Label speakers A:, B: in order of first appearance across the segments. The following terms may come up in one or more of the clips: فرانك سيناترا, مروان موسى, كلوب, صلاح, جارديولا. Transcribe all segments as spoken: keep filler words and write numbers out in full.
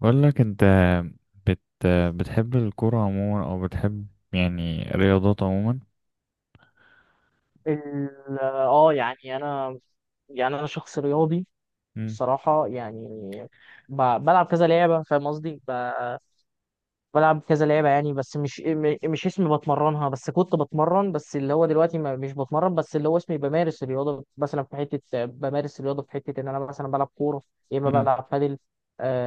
A: بقول لك انت. بت بتحب الكرة عموما او بتحب يعني رياضات عموما؟
B: ال- اه يعني انا، يعني انا شخص رياضي
A: مم.
B: الصراحه، يعني ب- بلعب كذا لعبه، فاهم قصدي؟ ب- بلعب كذا لعبة يعني، بس مش إيه، م- مش اسمي بتمرنها، بس كنت بتمرن، بس اللي هو دلوقتي ما مش بتمرن، بس اللي هو اسمي بمارس الرياضة مثلا، في حتة بمارس الرياضة، في حتة إن أنا مثلا بلعب كورة، يا إما
A: مم.
B: بلعب بادل،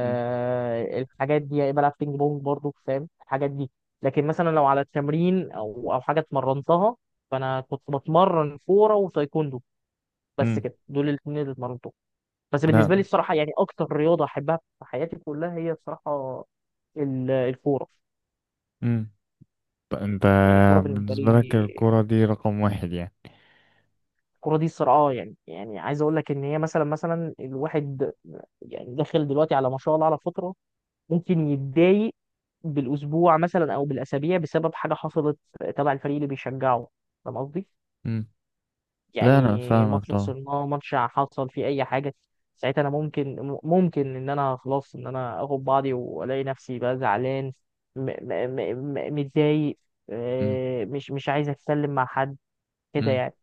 A: مم.
B: الحاجات دي، يا إما بلعب بينج بونج برضو، فاهم الحاجات دي. لكن مثلا لو على التمرين أو أو حاجة اتمرنتها، فأنا كنت بتمرن كورة وتايكوندو، بس
A: مم.
B: كده دول الاثنين اللي اتمرنتهم. بس
A: لا.
B: بالنسبة لي الصراحة، يعني أكتر رياضة أحبها في حياتي كلها هي، الصراحة، ال- الكورة.
A: مم. ط- انت،
B: يعني الكوره بالنسبه لي،
A: بالنسبة لك الكرة دي رقم واحد يعني؟
B: الكوره دي الصراع، يعني يعني عايز اقول لك ان هي مثلا، مثلا الواحد يعني داخل دلوقتي على ما شاء الله على فتره، ممكن يتضايق بالاسبوع مثلا او بالاسابيع بسبب حاجه حصلت تبع الفريق اللي بيشجعه، فاهم قصدي؟
A: مم. لا، انا
B: يعني
A: فاهمك
B: ماتش
A: طبعا.
B: خسرناه، ماتش حصل فيه اي حاجه، ساعتها انا ممكن ممكن ان انا خلاص، ان انا اخد بعضي والاقي نفسي بقى زعلان، م- م- م- م- متضايق،
A: مم.
B: آه، مش مش عايز اتكلم مع حد، كده
A: مم.
B: يعني.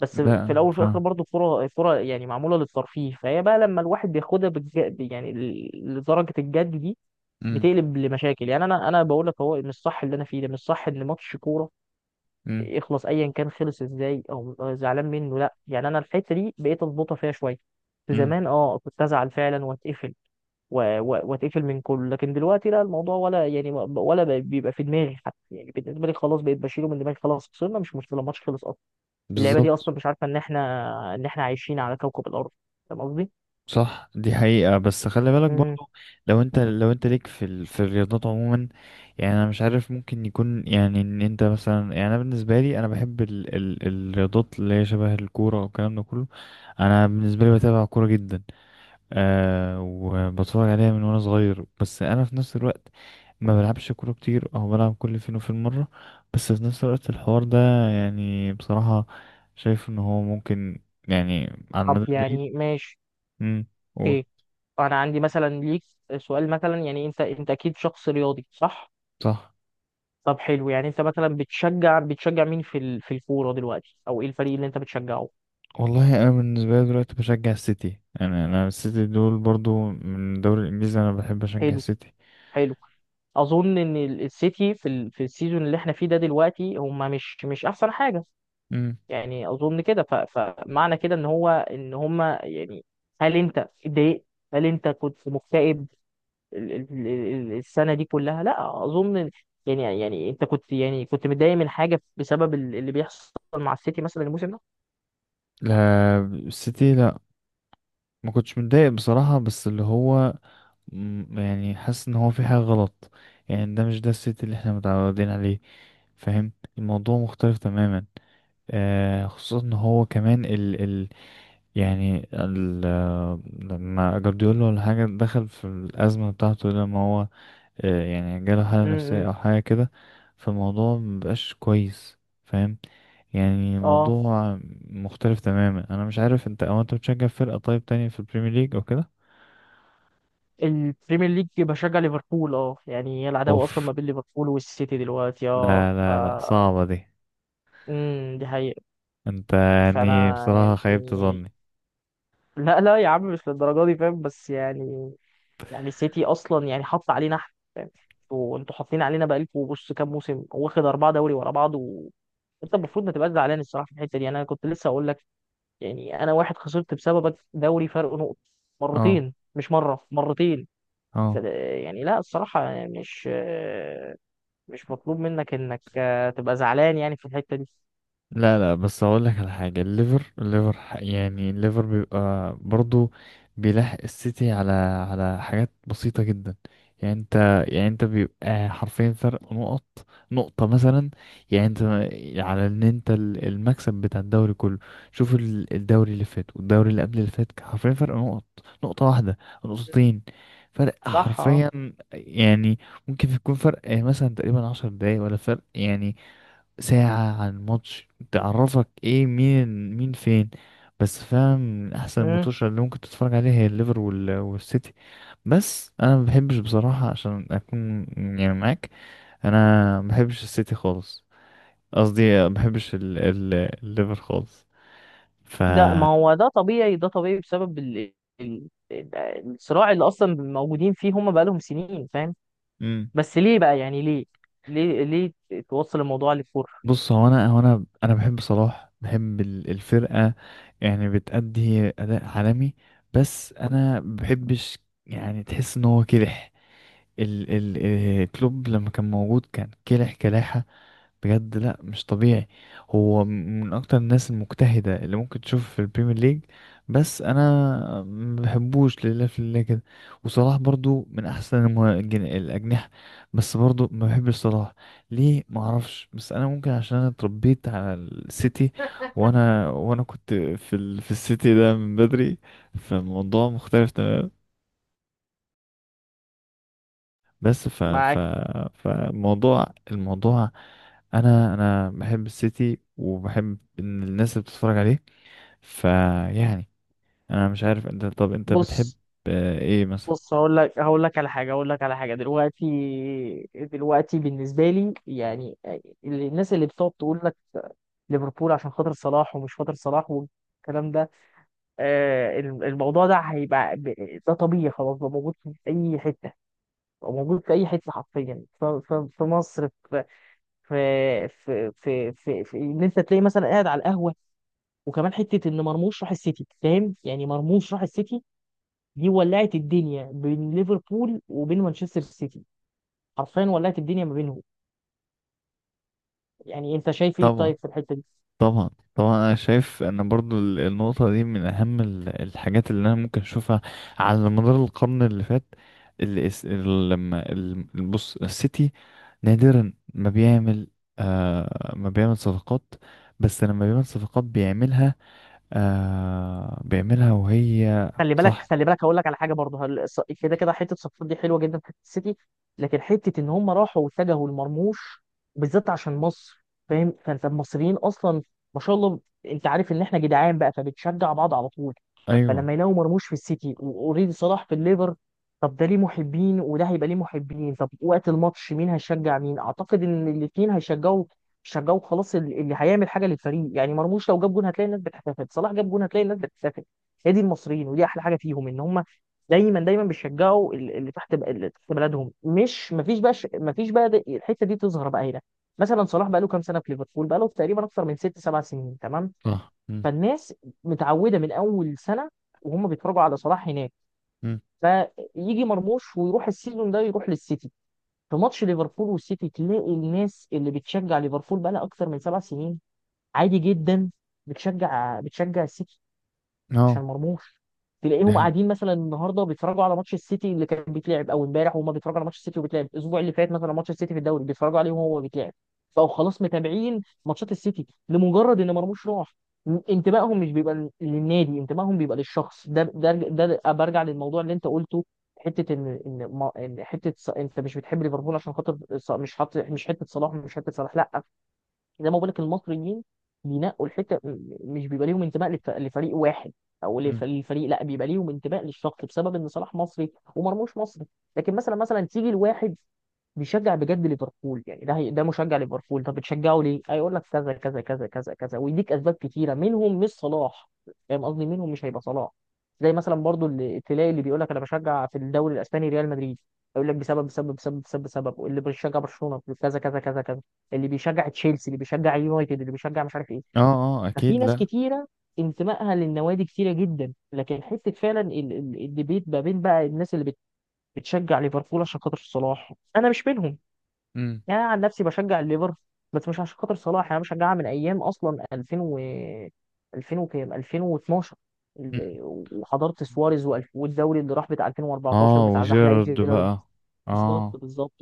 B: بس في
A: لا،
B: الاول وفي الاخر
A: فاهم.
B: برضه الكوره الكوره يعني معموله للترفيه، فهي بقى لما الواحد بياخدها بالج... يعني ل- لدرجه الجد دي،
A: مم.
B: بتقلب لمشاكل. يعني انا انا بقول لك هو مش صح، اللي انا فيه ده مش صح، ان ماتش كوره
A: مم.
B: يخلص ايا كان، خلص ازاي او زعلان منه، لا. يعني انا الحته دي بقيت اضبطها فيها شويه. في
A: مم.
B: زمان اه كنت ازعل فعلا واتقفل، و- و- واتقفل من كله، لكن دلوقتي لا، الموضوع ولا يعني ولا بيبقى في دماغي حتى، يعني بالنسبه لي خلاص بقيت بشيله من دماغي، خلاص خسرنا مش مشكله، الماتش خلص، اللعبه دي
A: بالظبط.
B: اصلا مش عارفه ان احنا، ان احنا عايشين على كوكب الارض، فاهم قصدي؟
A: صح، دي حقيقة بس خلي بالك
B: امم
A: برضو. لو انت لو انت ليك في ال... في الرياضات عموما، يعني انا مش عارف. ممكن يكون يعني ان انت مثلا، يعني انا بالنسبة لي انا بحب ال... ال... الرياضات اللي هي شبه الكورة والكلام ده كله. انا بالنسبة لي بتابع كورة جدا، آه، وبتفرج عليها من وانا صغير. بس انا في نفس الوقت ما بلعبش كورة كتير او بلعب كل فين وفين مرة. بس في نفس الوقت الحوار ده يعني بصراحة، شايف ان هو ممكن، يعني على
B: طب
A: المدى البعيد.
B: يعني ماشي،
A: مم.
B: اوكي. انا عندي مثلا ليك سؤال مثلا، يعني انت، انت اكيد شخص رياضي صح؟
A: صح.
B: طب حلو، يعني انت مثلا بتشجع بتشجع مين في ال... في الكوره دلوقتي، او ايه الفريق اللي انت بتشجعه؟
A: والله انا بالنسبه لي دلوقتي بشجع السيتي. يعني انا السيتي دول برضو من الدوري الانجليزي، انا بحب اشجع
B: حلو،
A: السيتي.
B: حلو. اظن ان ال- السيتي في ال... في السيزون اللي احنا فيه ده دلوقتي هم مش مش احسن حاجه،
A: امم
B: يعني اظن كده، ف... فمعنى كده ان هو ان هم يعني، هل انت اتضايقت؟ هل انت كنت مكتئب ال- ال- ال- السنة دي كلها؟ لا أظن، يعني يعني أنت كنت يعني كنت متضايق من حاجة بسبب ال- اللي بيحصل مع السيتي مثلا الموسم ده؟
A: لا، السيتي لا. ما كنتش متضايق بصراحه، بس اللي هو مم، يعني حاسس ان هو في حاجه غلط. يعني ده مش ده السيتي اللي احنا متعودين عليه. فاهم؟ الموضوع مختلف تماما. آه، خصوصا ان هو كمان ال ال يعني ال آه، لما جارديولا ولا حاجه دخل في الازمه بتاعته، لما هو آه، يعني جاله حالة نفسية
B: امم.
A: أو حاجة كده. فالموضوع مبقاش كويس. فاهم؟ يعني
B: اه،
A: الموضوع مختلف تماما. أنا مش عارف أنت أو أنت بتشجع فرقة طيب تانية في البريمير ليج أو كده؟
B: البريمير ليج بشجع ليفربول، اه يعني هي العداوة أصلا
A: أوف.
B: ما بين ليفربول والسيتي دلوقتي، اه
A: لا
B: ف،
A: لا لا، صعبة دي.
B: امم دي حقيقة.
A: أنت يعني
B: فأنا
A: بصراحة خيبت
B: يعني،
A: ظني.
B: لا لا يا عم مش للدرجة دي، فاهم، بس يعني، يعني السيتي أصلا يعني حط علينا احنا، فاهم؟ وانتوا حاطين علينا بقالكوا، بص كام موسم واخد أربعة دوري ورا بعض، انت المفروض ما تبقاش زعلان الصراحه في الحته دي، انا كنت لسه اقول لك. يعني انا واحد خسرت بسببك دوري فرق نقط،
A: اه.
B: مرتين مش مره، مرتين.
A: اه.
B: فده- يعني لا الصراحه مش، مش مطلوب منك انك، آه، تبقى زعلان يعني في الحته دي.
A: لا لا، بس اقول لك على حاجه. الليفر الليفر ح- يعني الليفر بيبقى برضو بيلاحق السيتي على على حاجات بسيطه جدا. يعني انت يعني انت بيبقى حرفيا فرق نقط. نقطه مثلا. يعني انت على ان انت ال- المكسب بتاع الدوري كله. شوف ال- الدوري اللي فات والدوري اللي قبل اللي فات كان حرفيا فرق نقط. نقطه واحده، نقطتين، فرق
B: صح اه.
A: حرفيا. يعني ممكن يكون فرق مثلا تقريبا عشر دقايق ولا فرق، يعني ساعة. عن ماتش تعرفك ايه مين مين فين. بس فاهم، من احسن
B: مم.
A: الماتشات اللي ممكن تتفرج عليها هي الليفر وال- والسيتي. بس انا ما بحبش بصراحة عشان اكون يعني معاك. انا ما بحبش السيتي خالص. قصدي ما بحبش ال- ال- الليفر خالص. ف
B: ده ما هو ده طبيعي، ده طبيعي بسبب ال... ال... ال- الصراع اللي اصلا موجودين فيه هم بقالهم سنين، فاهم.
A: مم.
B: بس ليه بقى، يعني ليه، ليه ليه توصل الموضوع للكوره،
A: بص، هو انا هو انا انا بحب صلاح، بحب ال- الفرقة. يعني بتأدي اداء عالمي. بس انا ما بحبش. يعني تحس ان هو كده ال ال آه، كلوب لما كان موجود كان كلح كلاحة بجد. لا، مش طبيعي. هو من اكتر الناس المجتهدة اللي ممكن تشوف في البريمير ليج. بس انا ما بحبوش، لله في الله كده. وصلاح برضو من احسن المه- الجن- الاجنحة. بس برضو ما بحبش صلاح. ليه؟ ما اعرفش. بس انا ممكن عشان انا اتربيت على السيتي. وانا وانا كنت في ال في السيتي ده من بدري. فالموضوع مختلف تماما. بس ف ف
B: معاك.
A: فموضوع الموضوع، انا انا بحب السيتي وبحب إن الناس اللي بتتفرج عليه. فيعني انا مش عارف انت. طب انت بتحب
B: بص،
A: آه، ايه مثلا؟
B: بص هقول لك هقول لك على حاجه، هقول لك على حاجه دلوقتي، دلوقتي بالنسبه لي يعني الناس اللي بتقعد تقول لك ليفربول عشان خاطر صلاح ومش خاطر صلاح والكلام ده، آه، الموضوع ده هيبقى ب- ده طبيعي خلاص، بقى موجود في اي حته، بقى موجود في اي حته حرفيا، ف- ف- في مصر، في في في في, في, في ان انت تلاقي مثلا قاعد على القهوه. وكمان حته ان مرموش راح السيتي، فاهم؟ يعني مرموش راح السيتي دي، ولعت الدنيا بين ليفربول وبين مانشستر سيتي، حرفيا ولعت الدنيا ما بينهم. يعني انت شايف ايه
A: طبعا،
B: طيب في الحته دي؟
A: طبعا، طبعا. انا شايف ان برضو ال- النقطة دي من اهم ال- الحاجات اللي انا ممكن اشوفها على مدار القرن اللي فات. اللي اس- ال- لما ال- بص، السيتي نادرا ما بيعمل آه ما بيعمل صفقات. بس لما بيعمل صفقات بيعملها آه بيعملها وهي
B: خلي بالك
A: صح.
B: خلي بالك هقول لك على حاجه برضه، هل- الص- كده كده حته صفقات دي حلوه جدا في حته السيتي، لكن حته ان هم راحوا واتجهوا لمرموش بالذات عشان مصر، فاهم، فانت المصريين اصلا ما شاء الله، انت عارف ان احنا جدعان بقى فبتشجع بعض على طول.
A: ايوه.
B: فلما يلاقوا مرموش في السيتي واوريدي صلاح في الليفر، طب ده ليه محبين، وده هيبقى ليه محبين، طب وقت الماتش مين هيشجع مين؟ اعتقد ان الاثنين هيشجعوا، شجعوا خلاص، ال- اللي هيعمل حاجه للفريق، يعني مرموش لو جاب جون هتلاقي الناس بتحتفل، صلاح جاب جون هتلاقي الناس بتحتفل. هي دي المصريين، ودي احلى حاجه فيهم ان هم دايما دايما بيشجعوا ال- اللي تحت، ب- اللي تحت بلدهم، مش مفيش بقى، ش- مفيش بقى، د- الحته دي تظهر بقى هنا. مثلا صلاح بقى له كام سنه في ليفربول، بقى له تقريبا اكتر من ست سبع سنين تمام،
A: صح. مم.
B: فالناس متعوده من اول سنه وهم بيتفرجوا على صلاح هناك.
A: مم.
B: فيجي مرموش ويروح السيزون ده، يروح للسيتي، في ماتش ليفربول والسيتي تلاقي الناس اللي بتشجع ليفربول بقى لها اكتر من سبع سنين عادي جدا بتشجع بتشجع السيتي عشان
A: اه.
B: مرموش. تلاقيهم
A: ده.
B: قاعدين مثلا النهارده بيتفرجوا على ماتش السيتي اللي كان بيتلعب او امبارح، وهم بيتفرجوا على ماتش السيتي وبيتلعب الاسبوع اللي فات، مثلا ماتش السيتي في الدوري بيتفرجوا عليه وهو بيتلعب، فهو خلاص متابعين ماتشات السيتي لمجرد ان مرموش راح. م- انتمائهم مش بيبقى لل- للنادي، انتمائهم بيبقى للشخص ده، ده ده برجع للموضوع اللي انت قلته. حته ان ان ما- إن حته ص- انت مش بتحب ليفربول عشان خاطر ص- مش حاطط، مش حته صلاح مش حته صلاح لا. زي ما بقول لك المصريين بينقوا الحته، م- مش بيبقى ليهم انتماء لف- لفريق واحد، او
A: مم.
B: لف- للفريق، لا بيبقى ليهم انتماء للشخص، بسبب ان صلاح مصري ومرموش مصري. لكن مثلا، مثلا تيجي لواحد بيشجع بجد ليفربول، يعني ده هي- ده مشجع ليفربول، طب بتشجعه ليه؟ هيقول لك كذا كذا كذا كذا كذا، ويديك اسباب كتيره منهم مش صلاح، فاهم قصدي منهم مش هيبقى صلاح. زي مثلا برضو اللي تلاقي اللي بيقول لك انا بشجع في الدوري الاسباني ريال مدريد، يقول لك بسبب بسبب بسبب بسبب بسبب، واللي بيشجع برشلونه كذا كذا كذا كذا، اللي بيشجع تشيلسي، اللي بيشجع يونايتد، اللي بيشجع مش عارف ايه.
A: اه. اه،
B: ففي
A: اكيد
B: ناس
A: لا.
B: كتيره انتمائها للنوادي كتيره جدا، لكن حته فعلا ال- ال- الديبيت ما بين بقى الناس اللي بت- بتشجع ليفربول عشان خاطر صلاح، انا مش منهم.
A: مم.
B: يعني انا عن نفسي بشجع الليفر بس مش عشان خاطر صلاح، يعني انا بشجعها من ايام اصلا ألفين و ألفين وكام ألفين واتناشر، ال-
A: مم.
B: وحضرت سواريز، وال- والدوري اللي راح بتاع ألفين واربعتاشر
A: اه،
B: بتاع زحلقه
A: وجيرارد
B: جيرارد.
A: بقى.
B: بالظبط،
A: اه.
B: بالظبط.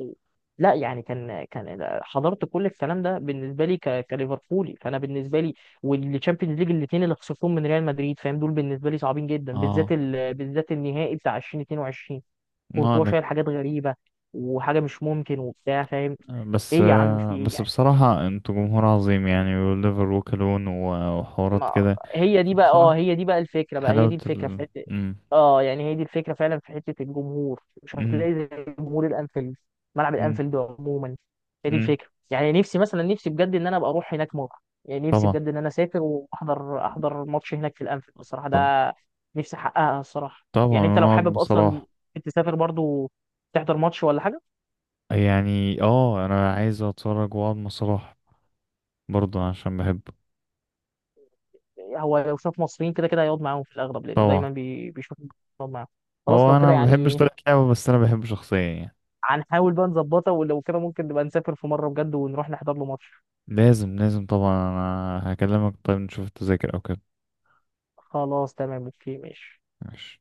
B: لا يعني كان كان حضرت كل الكلام ده، بالنسبه لي ك- كليفربولي، فانا بالنسبه لي والتشامبيونز ليج الاثنين اللي خسرتهم من ريال مدريد، فاهم، دول بالنسبه لي صعبين جدا، بالذات
A: اه.
B: ال... بالذات النهائي بتاع ألفين واتنين وعشرين،
A: ما
B: كورتوا
A: لك.
B: شايل حاجات غريبه، وحاجه مش ممكن وبتاع، فاهم. ايه
A: بس
B: يا عم في
A: آه
B: ايه
A: بس
B: يعني؟
A: بصراحة انتوا جمهور عظيم، يعني وليفر وكلون و- وحوارات
B: ما
A: كده.
B: هي دي بقى، اه
A: بصراحة
B: هي دي بقى الفكره بقى، هي دي
A: حلاوة
B: الفكره في
A: ال
B: حته.
A: مم.
B: اه يعني هي دي الفكره فعلا في حته الجمهور، مش
A: مم.
B: هتلاقي زي جمهور الانفيلد، ملعب
A: مم.
B: الانفيلد عموما. هي دي
A: مم.
B: الفكره، يعني نفسي مثلا، نفسي بجد ان انا ابقى اروح هناك مره، يعني نفسي
A: طبعا.
B: بجد ان انا اسافر واحضر، احضر ماتش هناك في الانفيلد الصراحه
A: طبعا.
B: ده، نفسي احققها الصراحه.
A: طبعا،
B: يعني انت لو
A: ونقعد مع
B: حابب اصلا
A: صلاح.
B: تسافر برضو تحضر ماتش ولا حاجه،
A: يعني اه انا عايز اتفرج واقعد مع صلاح برضه عشان بحبه.
B: هو لو شاف مصريين كده كده هيقعد معاهم في الاغلب، لانه
A: طبعا.
B: دايما بي- بيشوف يقعد معاهم، خلاص
A: هو
B: لو
A: انا
B: كده
A: ما بحبش
B: يعني
A: طريقة لعبه، بس انا بحبه شخصيا يعني.
B: هنحاول بقى نظبطها، ولو كده ممكن نبقى نسافر في مرة بجد ونروح نحضر له ماتش.
A: لازم، لازم طبعا. انا هكلمك، طيب نشوف التذاكر او كده.
B: خلاص تمام، اوكي ماشي.
A: ماشي.